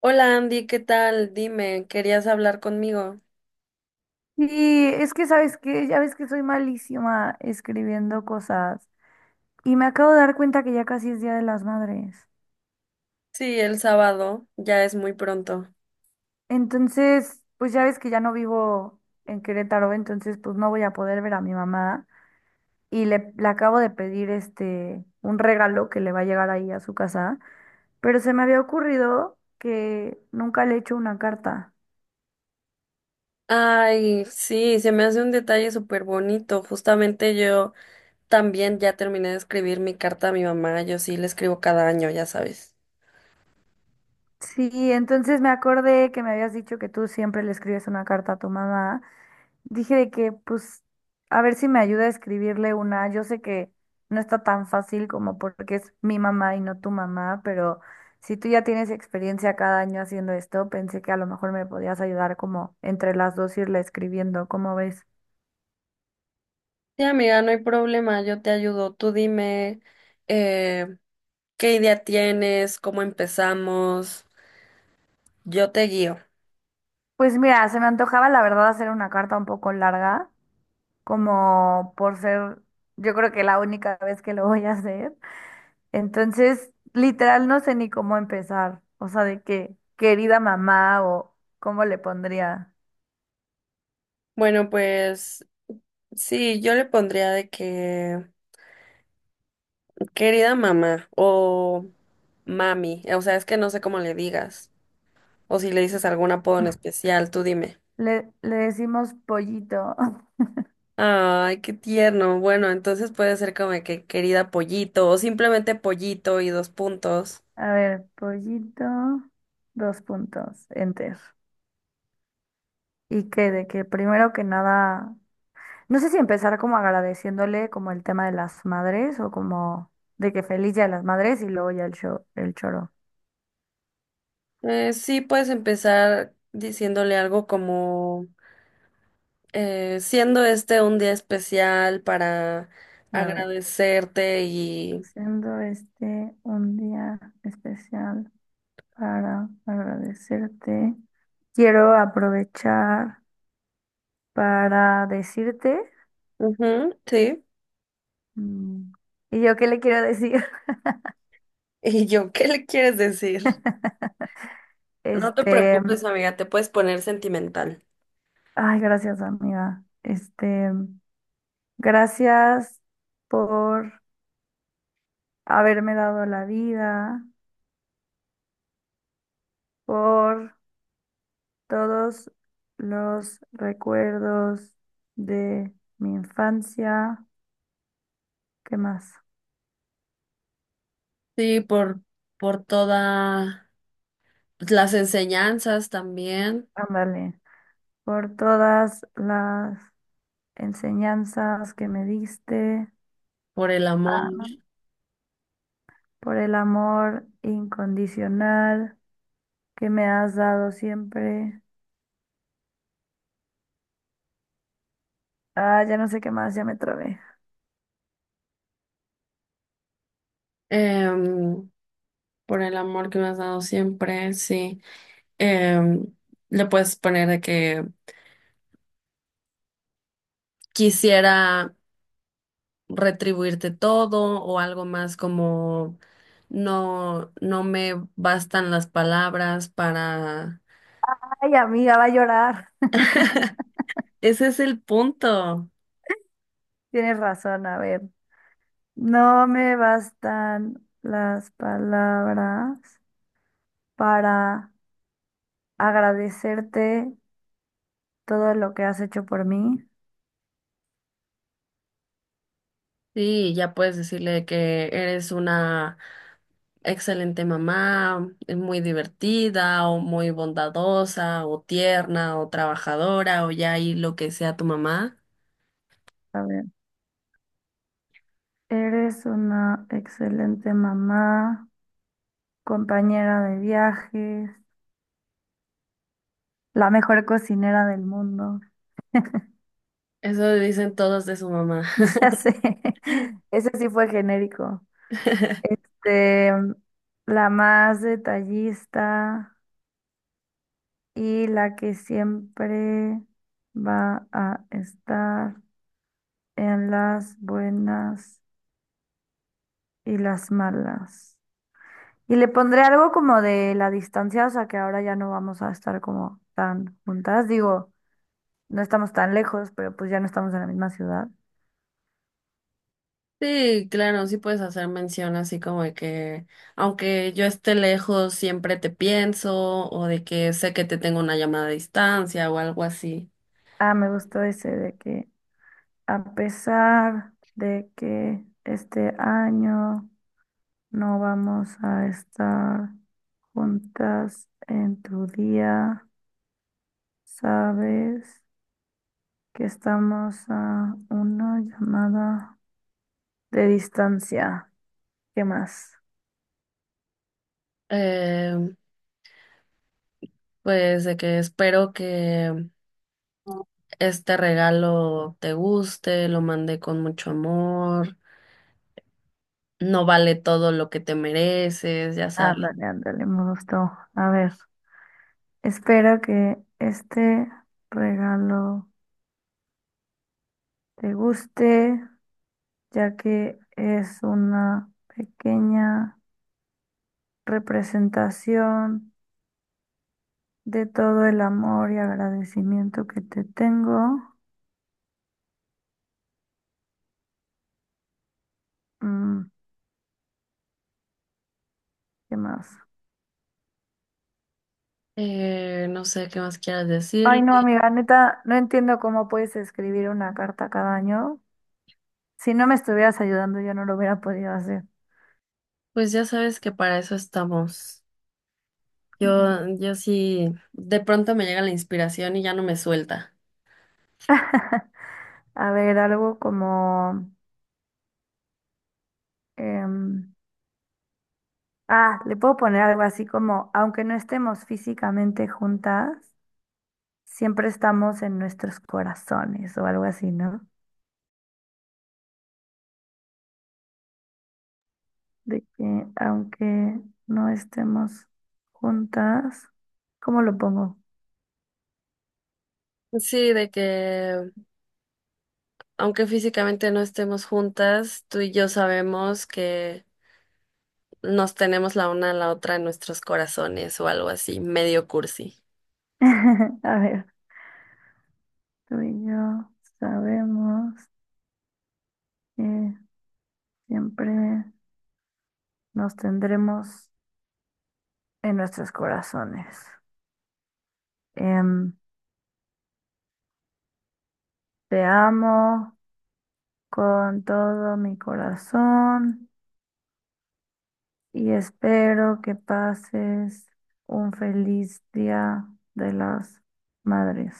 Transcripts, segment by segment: Hola Andy, ¿qué tal? Dime, ¿querías hablar conmigo? Y es que sabes que ya ves que soy malísima escribiendo cosas. Y me acabo de dar cuenta que ya casi es Día de las Madres. Sí, el sábado, ya es muy pronto. Entonces, pues ya ves que ya no vivo en Querétaro, entonces pues no voy a poder ver a mi mamá. Y le acabo de pedir un regalo que le va a llegar ahí a su casa. Pero se me había ocurrido que nunca le he hecho una carta. Ay, sí, se me hace un detalle súper bonito. Justamente yo también ya terminé de escribir mi carta a mi mamá. Yo sí le escribo cada año, ya sabes. Sí, entonces me acordé que me habías dicho que tú siempre le escribes una carta a tu mamá. Dije de que, pues, a ver si me ayuda a escribirle una. Yo sé que no está tan fácil como porque es mi mamá y no tu mamá, pero si tú ya tienes experiencia cada año haciendo esto, pensé que a lo mejor me podías ayudar como entre las dos irle escribiendo, ¿cómo ves? Sí, amiga, no hay problema, yo te ayudo. Tú dime, eh, ¿qué idea tienes? ¿Cómo empezamos? Yo te guío. Pues mira, se me antojaba la verdad hacer una carta un poco larga, como por ser, yo creo que la única vez que lo voy a hacer. Entonces, literal, no sé ni cómo empezar. O sea, de que querida mamá o cómo le pondría. Bueno, pues sí, yo le pondría de que querida mamá o mami, o sea, es que no sé cómo le digas, o si le dices algún apodo en especial, tú dime. Le decimos pollito. Ay, qué tierno. Bueno, entonces puede ser como de que querida pollito o simplemente pollito y dos puntos. A ver, pollito, dos puntos, enter. Y que de que primero que nada, no sé si empezar como agradeciéndole como el tema de las madres o como de que feliz día de las madres y luego ya el show, el choro. Sí, puedes empezar diciéndole algo como siendo este un día especial para A ver, agradecerte y... siendo este un día especial para agradecerte. Quiero aprovechar para decirte, Ujú, sí. mm, ¿y yo qué le quiero decir? ¿Y yo qué le quieres decir? No te Este, preocupes, amiga, te puedes poner sentimental. ay, gracias, amiga. Gracias por haberme dado la vida, por todos los recuerdos de mi infancia. ¿Qué más? Sí, por todas las enseñanzas también, Ándale, por todas las enseñanzas que me diste, por el amor, ah, por el amor incondicional que me has dado siempre. Ah, ya no sé qué más, ya me trabé. em, por el amor que me has dado siempre, sí. Em, Le puedes poner de que quisiera retribuirte todo o algo más como no, no me bastan las palabras para... Ay, amiga, va a llorar. Ese es el punto. Tienes razón, a ver. No me bastan las palabras para agradecerte todo lo que has hecho por mí. Sí, ya puedes decirle que eres una excelente mamá, muy divertida o muy bondadosa o tierna o trabajadora o ya ahí lo que sea tu mamá. A ver, eres una excelente mamá, compañera de viajes, la mejor cocinera del mundo. Eso dicen todos de su mamá. Ya sé. Ese sí fue genérico. Este, la más detallista y la que siempre va a estar en las buenas y las malas. Y le pondré algo como de la distancia, o sea que ahora ya no vamos a estar como tan juntas. Digo, no estamos tan lejos, pero pues ya no estamos en la misma ciudad. Sí, claro, sí puedes hacer mención así como de que aunque yo esté lejos, siempre te pienso o de que sé que te tengo una llamada a distancia o algo así. Ah, me gustó ese de que a pesar de que este año no vamos a estar juntas en tu día, sabes que estamos a una llamada de distancia. ¿Qué más? Em, Pues de que espero que este regalo te guste, lo mandé con mucho amor, no vale todo lo que te mereces, ya sabes. Ándale, ándale, me gustó. A ver, espero que este regalo te guste, ya que es una pequeña representación de todo el amor y agradecimiento que te tengo. Mm, ¿qué más? No sé qué más quieras Ay, decirle. no, amiga, neta, no entiendo cómo puedes escribir una carta cada año. Si no me estuvieras ayudando, yo no lo hubiera podido hacer. Pues ya sabes que para eso estamos. Mm. Yo sí, de pronto me llega la inspiración y ya no me suelta. A ver, algo como... em, ah, le puedo poner algo así como, aunque no estemos físicamente juntas, siempre estamos en nuestros corazones o algo así, ¿no? De que aunque no estemos juntas, ¿cómo lo pongo? Sí, de que aunque físicamente no estemos juntas, tú y yo sabemos que nos tenemos la una a la otra en nuestros corazones o algo así, medio cursi. A ver, tú y yo sabemos que siempre nos tendremos en nuestros corazones. Em, te amo con todo mi corazón y espero que pases un feliz día de las madres.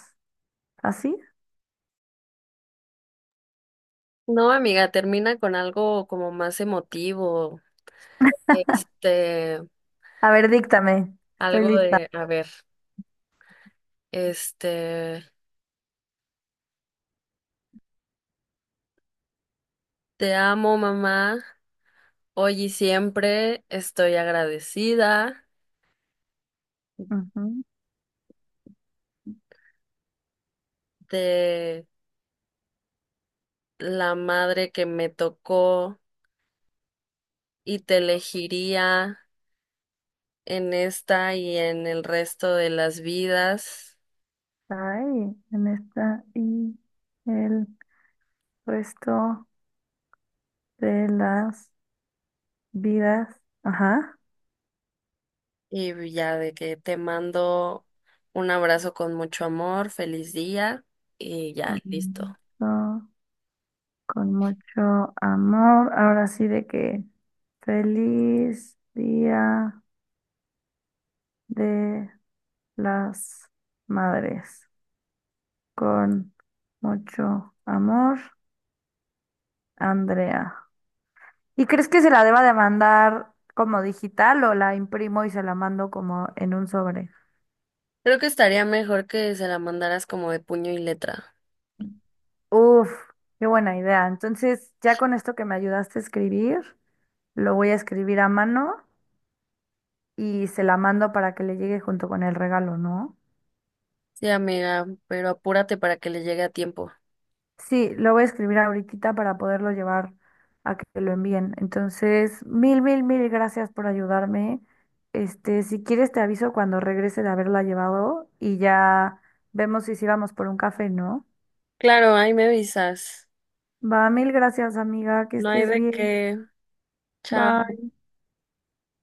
¿Así? No, amiga, termina con algo como más emotivo. Este, A ver, díctame. Estoy algo lista. de, a ver, este, te amo, mamá, hoy y siempre estoy agradecida Ujú. de la madre que me tocó y te elegiría en esta y en el resto de las vidas. Ay, en esta y el resto de las vidas, ajá, Y ya de que te mando un abrazo con mucho amor, feliz día y ya, con, listo. mucho- con mucho amor. Ahora sí de que feliz día de las madres, con mucho amor, Andrea. ¿Y crees que se la deba de mandar como digital o la imprimo y se la mando como en un sobre? Creo que estaría mejor que se la mandaras como de puño y letra. Uf, qué buena idea. Entonces, ya con esto que me ayudaste a escribir, lo voy a escribir a mano y se la mando para que le llegue junto con el regalo, ¿no? Sí, amiga, pero apúrate para que le llegue a tiempo. Sí, lo voy a escribir ahorita para poderlo llevar a que lo envíen. Entonces, mil gracias por ayudarme. Si quieres te aviso cuando regrese de haberla llevado y ya vemos si sí vamos por un café, ¿no? Claro, ahí me avisas. Va, mil gracias, amiga, que No hay estés de bien. qué. Chao. Bye.